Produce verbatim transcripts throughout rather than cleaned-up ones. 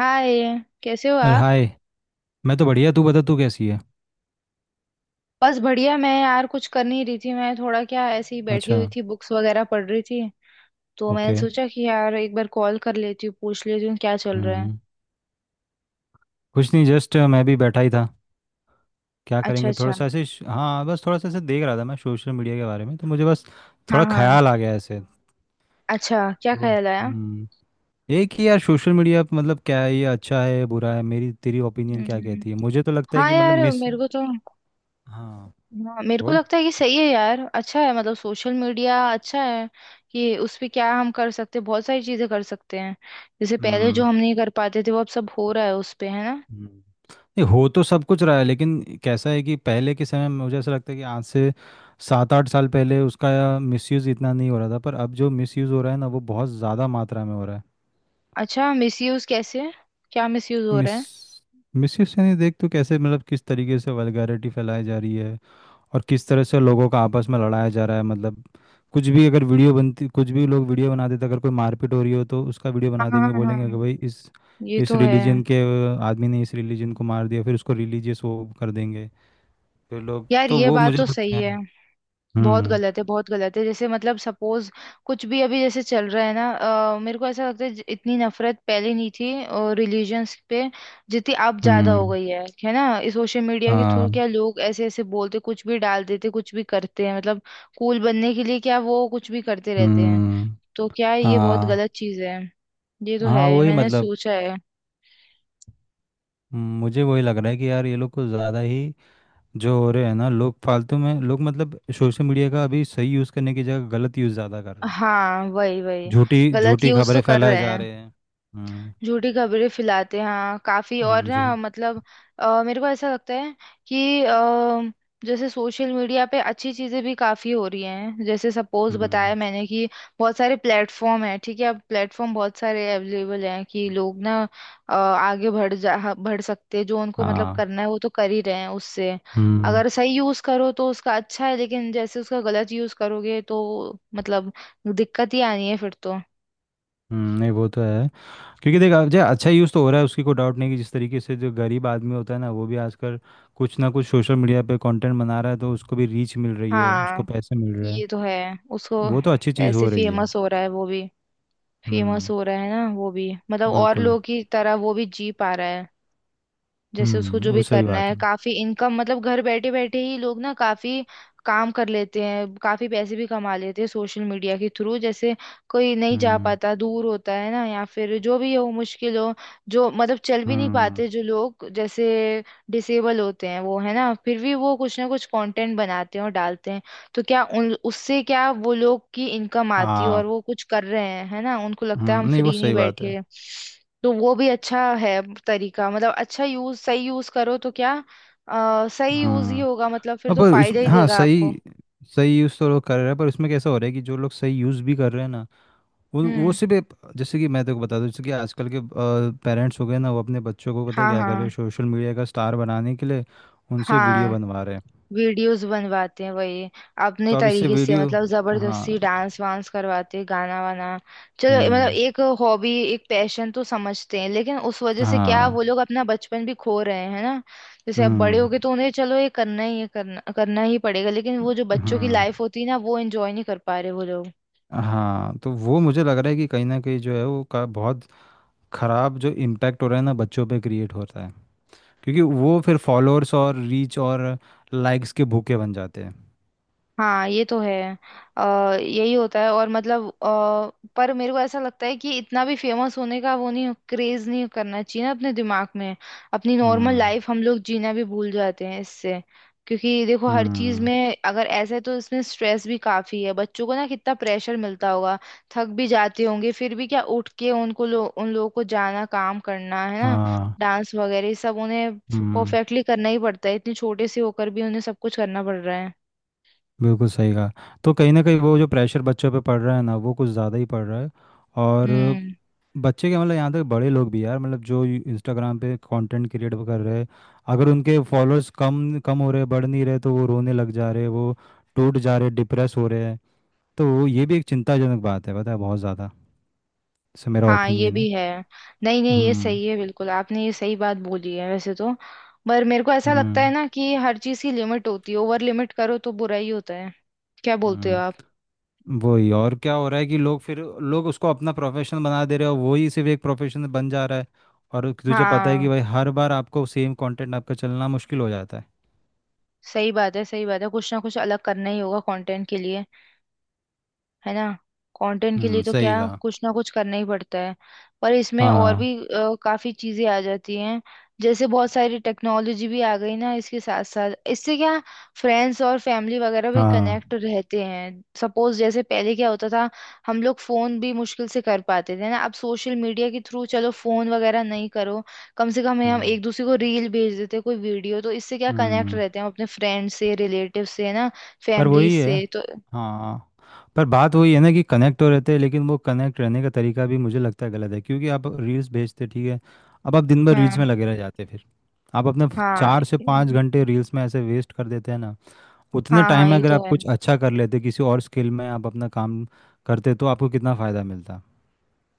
हाय। कैसे हो अरे आप? हाय। मैं तो बढ़िया, तू बता तू कैसी है। बस बढ़िया। मैं यार कुछ कर नहीं रही थी। मैं थोड़ा क्या ऐसे ही बैठी अच्छा। हुई थी, बुक्स वगैरह पढ़ रही थी। तो मैंने ओके। सोचा कि यार एक बार कॉल कर लेती हूँ, पूछ लेती हूँ क्या चल रहा है। हम्म। कुछ नहीं, जस्ट मैं भी बैठा ही था। क्या अच्छा करेंगे, थोड़ा अच्छा। सा ऐसे श- हाँ बस थोड़ा सा ऐसे देख रहा था मैं सोशल मीडिया के बारे में, तो मुझे बस हाँ थोड़ा हाँ। ख्याल आ गया ऐसे। अच्छा, क्या तो ख्याल आया? हम्म एक ही यार, सोशल मीडिया मतलब क्या है, ये अच्छा है बुरा है, मेरी तेरी ओपिनियन क्या हम्म, कहती है, मुझे तो लगता है हाँ कि मतलब यार, मिस। मेरे को तो हाँ। हाँ, मेरे को बोल। लगता है कि सही है यार, अच्छा है, मतलब सोशल मीडिया अच्छा है कि उस पे क्या हम कर सकते हैं, बहुत सारी चीजें कर सकते हैं। जैसे पहले जो हम्म। हम नहीं कर पाते थे वो अब सब हो रहा है उस पे, है ना। हम्म। नहीं हो तो सब कुछ रहा है, लेकिन कैसा है कि पहले के समय में मुझे ऐसा लगता है कि आज से सात आठ साल पहले उसका मिसयूज़ इतना नहीं हो रहा था, पर अब जो मिसयूज़ हो रहा है ना वो बहुत ज़्यादा मात्रा में हो रहा है। अच्छा, मिसयूज कैसे? क्या मिसयूज हो मिस रहा है? मिसयूज़ यानी देख तो कैसे, मतलब किस तरीके से वल्गैरिटी फैलाई जा रही है और किस तरह से लोगों का आपस में लड़ाया जा रहा है। मतलब कुछ भी अगर वीडियो बनती, कुछ भी लोग वीडियो बना देते, अगर कोई मारपीट हो रही हो तो उसका वीडियो हाँ बना देंगे, हाँ बोलेंगे हाँ, कि भाई इस ये इस तो है। रिलीजन के आदमी ने इस रिलीजन को मार दिया, फिर उसको रिलीजियस वो कर देंगे जो लोग, यार तो ये वो बात मुझे तो सही लगता है। है, बहुत हम्म। गलत है, बहुत गलत है। जैसे मतलब सपोज, कुछ भी अभी जैसे चल रहा है ना, अ, मेरे को ऐसा लगता है ज- इतनी नफरत पहले नहीं थी रिलीजन्स पे, जितनी अब ज्यादा हो हम्म। गई है है ना। इस सोशल मीडिया के थ्रू हाँ। क्या लोग ऐसे ऐसे बोलते, कुछ भी डाल देते, कुछ भी करते हैं मतलब कूल बनने के लिए क्या वो कुछ भी करते रहते हैं। हम्म। तो क्या ये बहुत हाँ, गलत चीज है। ये तो हाँ है, वही मैंने मतलब। सोचा है। हम्म, मुझे वही लग रहा है कि यार ये लोग को ज़्यादा ही जो हो रहे हैं ना, लोग फालतू में, लोग मतलब सोशल मीडिया का अभी सही यूज़ करने की जगह गलत यूज़ ज़्यादा कर रहे हैं। हाँ वही वही। झूठी गलत झूठी यूज तो खबरें कर फैलाए रहे जा हैं, रहे हैं। हम्म। झूठी खबरें फैलाते हैं, हाँ काफी, और हम्म, जी। ना मतलब अ, मेरे को ऐसा लगता है कि अ, जैसे सोशल मीडिया पे अच्छी चीजें भी काफी हो रही हैं। जैसे सपोज बताया हम्म। मैंने कि बहुत सारे प्लेटफॉर्म हैं, ठीक है, अब प्लेटफॉर्म बहुत सारे अवेलेबल हैं कि लोग ना अ, आगे बढ़ जा ह- बढ़ सकते हैं। जो उनको मतलब हाँ। करना है वो तो कर ही रहे हैं उससे। हम्म। अगर सही यूज करो तो उसका अच्छा है, लेकिन जैसे उसका गलत यूज करोगे तो मतलब दिक्कत ही आनी है फिर तो। हम्म, नहीं वो तो है, क्योंकि देख अब जो अच्छा यूज़ तो हो रहा है उसकी कोई डाउट नहीं कि जिस तरीके से जो गरीब आदमी होता है ना वो भी आजकल कुछ ना कुछ सोशल मीडिया पे कंटेंट बना रहा है, तो उसको भी रीच मिल रही है, उसको हाँ पैसे मिल रहे हैं। ये तो है। उसको वो तो अच्छी चीज़ पैसे, हो रही है। फेमस हो रहा है वो भी, फेमस हम्म। हो रहा है ना वो भी, मतलब और बिल्कुल। लोगों की तरह वो भी जी पा रहा है। जैसे उसको जो हम्म भी वो सही करना बात है, है। काफी इनकम मतलब घर बैठे बैठे ही लोग ना काफी काम कर लेते हैं, काफी पैसे भी कमा लेते हैं सोशल मीडिया के थ्रू। जैसे कोई नहीं जा हम्म। पाता, दूर होता है ना, या फिर जो भी हो, मुश्किल हो, जो मतलब चल भी नहीं हम्म। पाते जो लोग, जैसे डिसेबल होते हैं वो, है ना, फिर भी वो कुछ ना कुछ कंटेंट बनाते हैं और डालते हैं। तो क्या उन उससे क्या वो लोग की इनकम आती है और हाँ। वो कुछ कर रहे हैं, है ना, उनको लगता है हम हम्म। नहीं वो फ्री नहीं सही बात है। बैठे। तो वो भी अच्छा है तरीका, मतलब अच्छा यूज सही यूज करो तो क्या अ, सही यूज ही हम्म। होगा मतलब, फिर हाँ, तो पर उस फायदा ही हाँ देगा आपको। सही सही यूज़ तो लोग कर रहे हैं, पर उसमें कैसा हो रहा है कि जो लोग सही यूज़ भी कर रहे हैं ना वो वो हम्म। सिर्फ एक- जैसे कि मैं तेको बता दूं, जैसे कि आजकल के पेरेंट्स हो गए ना, वो अपने बच्चों को पता है हाँ क्या कर रहे हाँ हैं सोशल मीडिया का स्टार बनाने के लिए, उनसे वीडियो हाँ। बनवा रहे हैं। वीडियोस बनवाते हैं वही, अपने तो अब इससे तरीके से वीडियो। मतलब जबरदस्ती हाँ। डांस वांस करवाते हैं, गाना वाना। चलो मतलब हम्म। एक हॉबी एक पैशन तो समझते हैं, लेकिन उस वजह से क्या हाँ। वो लोग अपना बचपन भी खो रहे हैं, है ना। जैसे अब बड़े हो हम्म। गए तो उन्हें चलो ये करना ही है, करना करना ही पड़ेगा, लेकिन वो जो बच्चों की हम्म। लाइफ होती है ना, वो एंजॉय नहीं कर पा रहे वो लोग। हाँ, तो वो मुझे लग रहा है कि कहीं ना कहीं जो है वो का बहुत ख़राब जो इम्पैक्ट हो रहा है ना बच्चों पे क्रिएट होता है, क्योंकि वो फिर फॉलोअर्स और रीच और लाइक्स के भूखे बन जाते हैं। हाँ ये तो है। अ, यही होता है और मतलब अ, पर मेरे को ऐसा लगता है कि इतना भी फेमस होने का वो नहीं, क्रेज नहीं करना चाहिए ना अपने दिमाग में। अपनी नॉर्मल हम्म। लाइफ हम लोग जीना भी भूल जाते हैं इससे। क्योंकि देखो हर चीज हम्म। में अगर ऐसा है तो इसमें स्ट्रेस भी काफी है, बच्चों को ना कितना प्रेशर मिलता होगा, थक भी जाते होंगे, फिर भी क्या उठ के उनको लो, उन लोगों को जाना, काम करना है ना। हाँ। डांस वगैरह ये सब उन्हें हम्म परफेक्टली करना ही पड़ता है, इतने छोटे से होकर भी उन्हें सब कुछ करना पड़ रहा है। बिल्कुल सही कहा। तो कहीं ना कहीं वो जो प्रेशर बच्चों पे पड़ रहा है ना वो कुछ ज़्यादा ही पड़ रहा है। और हम्म। बच्चे के मतलब यहाँ तक बड़े लोग भी यार, मतलब जो इंस्टाग्राम पे कंटेंट क्रिएट कर रहे हैं, अगर उनके फॉलोअर्स कम कम हो रहे बढ़ नहीं रहे, तो वो रोने लग जा रहे हैं, वो टूट जा रहे, डिप्रेस हो रहे हैं। तो वो- ये भी एक चिंताजनक बात है पता है, बहुत ज़्यादा से मेरा हाँ ये ओपिनियन है। भी है। नहीं नहीं ये हम्म। सही है, बिल्कुल आपने ये सही बात बोली है वैसे तो। पर मेरे को ऐसा लगता है हम्म। ना कि हर चीज की लिमिट होती है, ओवर लिमिट करो तो बुरा ही होता है। क्या बोलते हो हम्म आप? वही, और क्या हो रहा है कि लोग फिर लोग उसको अपना प्रोफेशन बना दे रहे हो, वही सिर्फ एक प्रोफेशन बन जा रहा है और तुझे पता है कि हाँ भाई हर बार आपको सेम कंटेंट आपका चलना मुश्किल हो जाता है। सही बात है, सही बात है, कुछ ना कुछ अलग करना ही होगा कंटेंट के लिए, है ना। कंटेंट के लिए हम्म तो क्या सही कहा। कुछ ना कुछ करना ही पड़ता है। पर इसमें और भी हाँ। अ, काफी चीजें आ जाती हैं। जैसे बहुत सारी टेक्नोलॉजी भी आ गई ना इसके साथ साथ, इससे क्या फ्रेंड्स और फैमिली वगैरह भी हाँ। कनेक्ट रहते हैं। सपोज जैसे पहले क्या होता था, हम लोग फोन भी मुश्किल से कर पाते थे ना, अब सोशल मीडिया के थ्रू चलो फोन वगैरह नहीं करो, कम से कम हम हम्म। एक दूसरे को रील भेज देते, कोई वीडियो, तो इससे क्या कनेक्ट हम्म। रहते हैं हम अपने फ्रेंड से, रिलेटिव से, है ना, पर फैमिली वही है। से तो। हाँ, पर बात वही है ना कि कनेक्ट तो रहते हैं, लेकिन वो कनेक्ट रहने का तरीका भी मुझे लगता है गलत है, क्योंकि आप रील्स भेजते ठीक है, अब आप दिन भर हाँ रील्स में लगे रह जाते हैं, फिर आप अपने फ- हाँ चार से पाँच घंटे रील्स में ऐसे वेस्ट कर देते हैं ना। उतने हाँ। हाँ टाइम में ये अगर तो आप है। कुछ अच्छा कर लेते किसी और स्किल में, आप अपना काम करते तो आपको कितना फ़ायदा मिलता।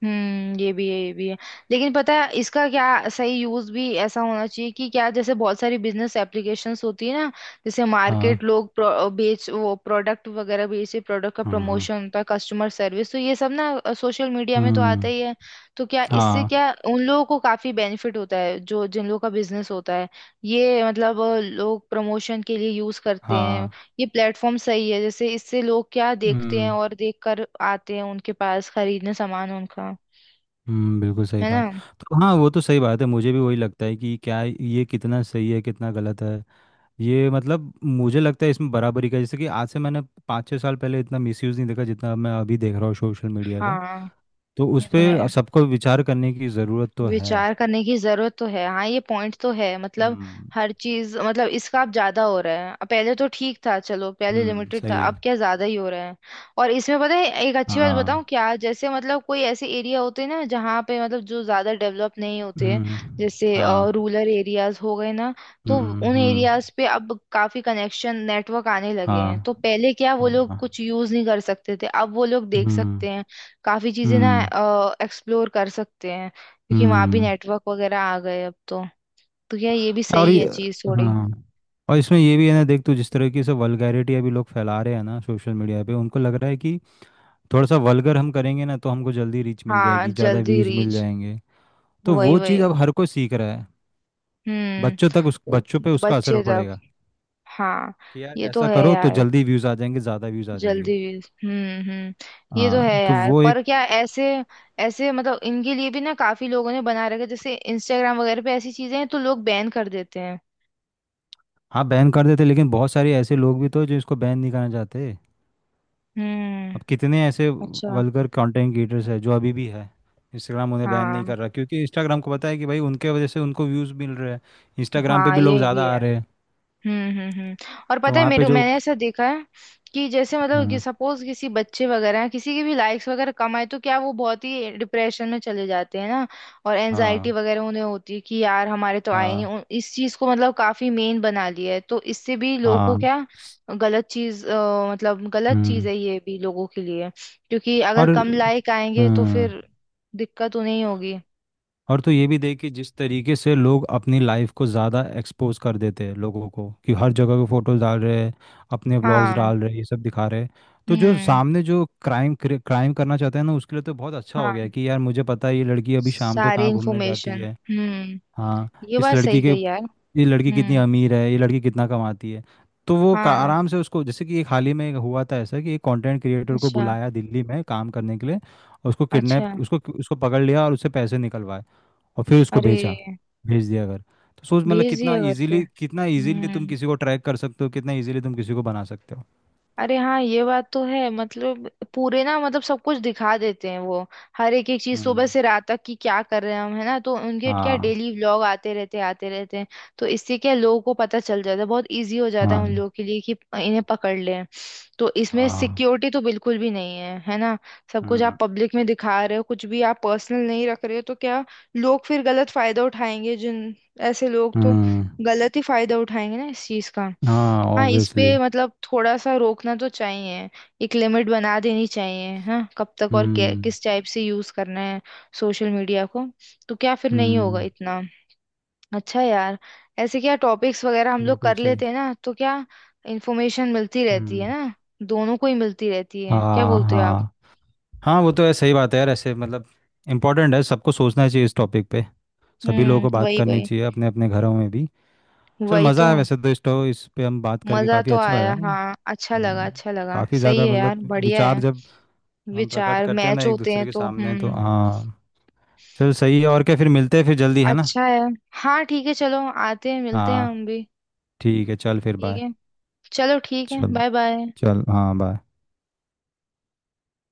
हम्म ये भी है, ये भी है। लेकिन पता है इसका क्या सही यूज भी ऐसा होना चाहिए कि क्या, जैसे बहुत सारी बिजनेस एप्लीकेशंस होती है ना, जैसे हाँ। मार्केट लोग प्रो, बेच, वो प्रोडक्ट वगैरह बेचे, प्रोडक्ट का हाँ। हाँ। प्रमोशन होता है, कस्टमर सर्विस, तो ये सब ना सोशल मीडिया में तो आता हम्म। ही है। तो क्या इससे हाँ। क्या उन लोगों को काफी बेनिफिट होता है जो जिन लोगों का बिजनेस होता है। ये मतलब अ, लोग प्रमोशन के लिए यूज करते हैं हाँ। ये प्लेटफॉर्म, सही है। जैसे इससे लोग क्या देखते हैं हम्म। और देख कर आते हैं उनके पास खरीदने सामान उनका, हम्म बिल्कुल सही है ना। बात। तो हाँ वो तो सही बात है, मुझे भी वही लगता है कि क्या ये कितना सही है कितना गलत है, ये मतलब मुझे लगता है इसमें बराबरी का, जैसे कि आज से मैंने पाँच छः साल पहले इतना मिसयूज़ नहीं देखा जितना मैं अभी देख रहा हूँ सोशल मीडिया का। हाँ तो उस ये तो है। पर सबको विचार करने की ज़रूरत तो है। विचार करने की जरूरत तो है, हाँ ये पॉइंट तो है मतलब। हम्म। हर चीज मतलब इसका अब ज्यादा हो रहा है, अब पहले तो ठीक था, चलो पहले हम्म लिमिटेड था, सही है। अब क्या ज्यादा ही हो रहा है। और इसमें पता है एक अच्छी बात बताऊं हाँ। क्या, जैसे मतलब कोई ऐसे एरिया होते हैं ना जहाँ पे मतलब जो ज्यादा डेवलप नहीं होते हैं, हम्म। जैसे हाँ। रूरल एरियाज हो गए ना, तो हम्म। उन हम्म। एरियाज पे अब काफी कनेक्शन नेटवर्क आने लगे हैं। हाँ। तो पहले क्या वो हाँ। लोग हाँ। कुछ यूज नहीं कर सकते थे, अब वो लोग देख हम्म। सकते हैं काफी चीजें ना, हम्म। एक्सप्लोर कर सकते हैं, क्योंकि वहां भी हम्म। नेटवर्क वगैरह आ गए अब तो। तो क्या ये भी और सही है ये। चीज, थोड़ी। हाँ, और इसमें ये भी है ना देख तू, जिस तरह की सब वल्गैरिटी अभी लोग फैला रहे हैं ना सोशल मीडिया पे, उनको लग रहा है कि थोड़ा सा वल्गर हम करेंगे ना तो हमको जल्दी रीच मिल हाँ जाएगी, ज़्यादा जल्दी व्यूज़ मिल रीच। जाएंगे, तो वही वो वही। चीज़ अब हर कोई सीख रहा है। हम्म। बच्चों तक, उस उ- बच्चों पे उसका बच्चे असर तक। पड़ेगा हाँ कि यार ये तो ऐसा है करो तो यार, जल्दी व्यूज़ आ जाएंगे, ज़्यादा व्यूज़ आ जल्दी जाएंगे। रीच। हम्म हम्म। ये तो है हाँ, तो यार, वो एक। पर क्या ऐसे ऐसे मतलब इनके लिए भी ना काफी लोगों ने बना रखा है, जैसे इंस्टाग्राम वगैरह पे ऐसी चीजें हैं तो लोग बैन कर देते हैं। हाँ बैन कर देते, लेकिन बहुत सारे ऐसे लोग भी तो जो इसको बैन नहीं करना चाहते। हम्म। अब कितने ऐसे अच्छा। वल्गर कंटेंट क्रिएटर्स है जो अभी भी है, इंस्टाग्राम उन्हें बैन नहीं हाँ कर रहा, क्योंकि इंस्टाग्राम को पता है कि भाई उनके वजह से उनको व्यूज़ मिल रहे हैं, इंस्टाग्राम पे हाँ भी लोग ये भी ज़्यादा आ है। रहे हैं। हम्म हम्म हम्म। और तो पता है वहाँ पे मेरे, जो। मैंने ऐसा देखा है कि जैसे मतलब कि हम्म, सपोज किसी बच्चे वगैरह हैं, किसी के भी लाइक्स वगैरह कम आए तो क्या वो बहुत ही डिप्रेशन में चले जाते हैं ना, और एनजाइटी हाँ। वगैरह उन्हें होती है कि यार हमारे तो आए नहीं, हाँ। उन- इस चीज को मतलब काफी मेन बना लिया है तो इससे भी लोगों को हाँ। क्या गलत चीज अ, मतलब गलत चीज हम्म। है ये भी लोगों के लिए, क्योंकि अगर और। कम लाइक आएंगे तो हम्म। फिर दिक्कत उन्हें ही होगी। और तो ये भी देख कि जिस तरीके से लोग अपनी लाइफ को ज़्यादा एक्सपोज कर देते हैं लोगों को, कि हर जगह के फोटोज डाल रहे हैं, अपने व्लॉग्स हाँ। डाल रहे हैं, ये सब दिखा रहे हैं। तो जो हम्म। सामने जो क्राइम क्राइम करना चाहते हैं ना उसके लिए तो बहुत अच्छा हो गया हाँ, है कि यार मुझे पता है ये लड़की अभी शाम को सारी कहाँ घूमने जाती इंफॉर्मेशन। है। हम्म, हाँ, ये इस बात लड़की सही के, कही यार। ये लड़की कितनी हम्म। अमीर है, ये लड़की कितना कमाती है। तो वो का- हाँ। आराम से उसको, जैसे कि एक हाल ही में हुआ था ऐसा कि एक कंटेंट क्रिएटर को अच्छा, बुलाया दिल्ली में काम करने के लिए, और उसको अच्छा। किडनैप, उसको उसको पकड़ लिया और उससे पैसे निकलवाए और फिर उसको अरे, भेजा, भेज दिया अगर। तो सोच मतलब भेज कितना दिया घर फिर, इजीली, कितना इजीली तुम हम्म। किसी को ट्रैक कर सकते हो, कितना इजीली तुम किसी को बना सकते हो। अरे हाँ ये बात तो है, मतलब पूरे ना मतलब सब कुछ दिखा देते हैं वो, हर एक एक चीज सुबह हम्म। से रात तक की क्या कर रहे हैं हम, है ना, तो उनके क्या हाँ। डेली व्लॉग आते रहते आते रहते हैं। तो इससे क्या लोगों को पता चल जाता है, बहुत इजी हो जाता है हाँ। उन लोगों के लिए कि इन्हें पकड़ लें। तो इसमें हाँ। सिक्योरिटी तो बिल्कुल भी नहीं है, है ना। सब कुछ आप हम्म। पब्लिक में दिखा रहे हो, कुछ भी आप पर्सनल नहीं रख रहे हो, तो क्या लोग फिर गलत फायदा उठाएंगे जिन, ऐसे लोग तो हम्म। गलत ही फायदा उठाएंगे ना इस चीज का। हाँ, हाँ इस पे ऑब्वियसली। मतलब थोड़ा सा रोकना तो चाहिए, एक लिमिट बना देनी चाहिए हाँ, कब तक और कै- हम्म। किस टाइप से यूज करना है सोशल मीडिया को, तो क्या फिर नहीं होगा हम्म। इतना। अच्छा यार ऐसे क्या टॉपिक्स वगैरह हम लोग बिल्कुल कर सही। लेते हैं ना, तो क्या इंफॉर्मेशन मिलती रहती है हम्म। ना, दोनों को ही मिलती रहती है। क्या हाँ। बोलते हो आप? हाँ। हाँ वो तो है, सही बात है यार। ऐसे मतलब इम्पोर्टेंट है, सबको सोचना चाहिए इस टॉपिक पे, सभी लोगों को हम्म बात वही करनी वही, चाहिए अपने अपने घरों में भी। चल वही मज़ा तो। आया, वैसे तो इस तो इस पे हम बात करके मजा काफ़ी तो अच्छा आया लगा, नहीं। हाँ, अच्छा लगा, हम्म, अच्छा लगा, काफी सही ज्यादा है यार, मतलब बढ़िया विचार है। जब हम प्रकट विचार करते हैं ना मैच एक होते हैं दूसरे के तो सामने, तो हम्म। हाँ। चल सही है, और क्या फिर मिलते हैं फिर जल्दी, है ना। अच्छा है। हाँ ठीक है चलो, आते हैं मिलते हैं हाँ। हम भी। ठीक है चल फिर ठीक बाय। है। चलो ठीक है, चल। Bye bye. चल हाँ, बाय।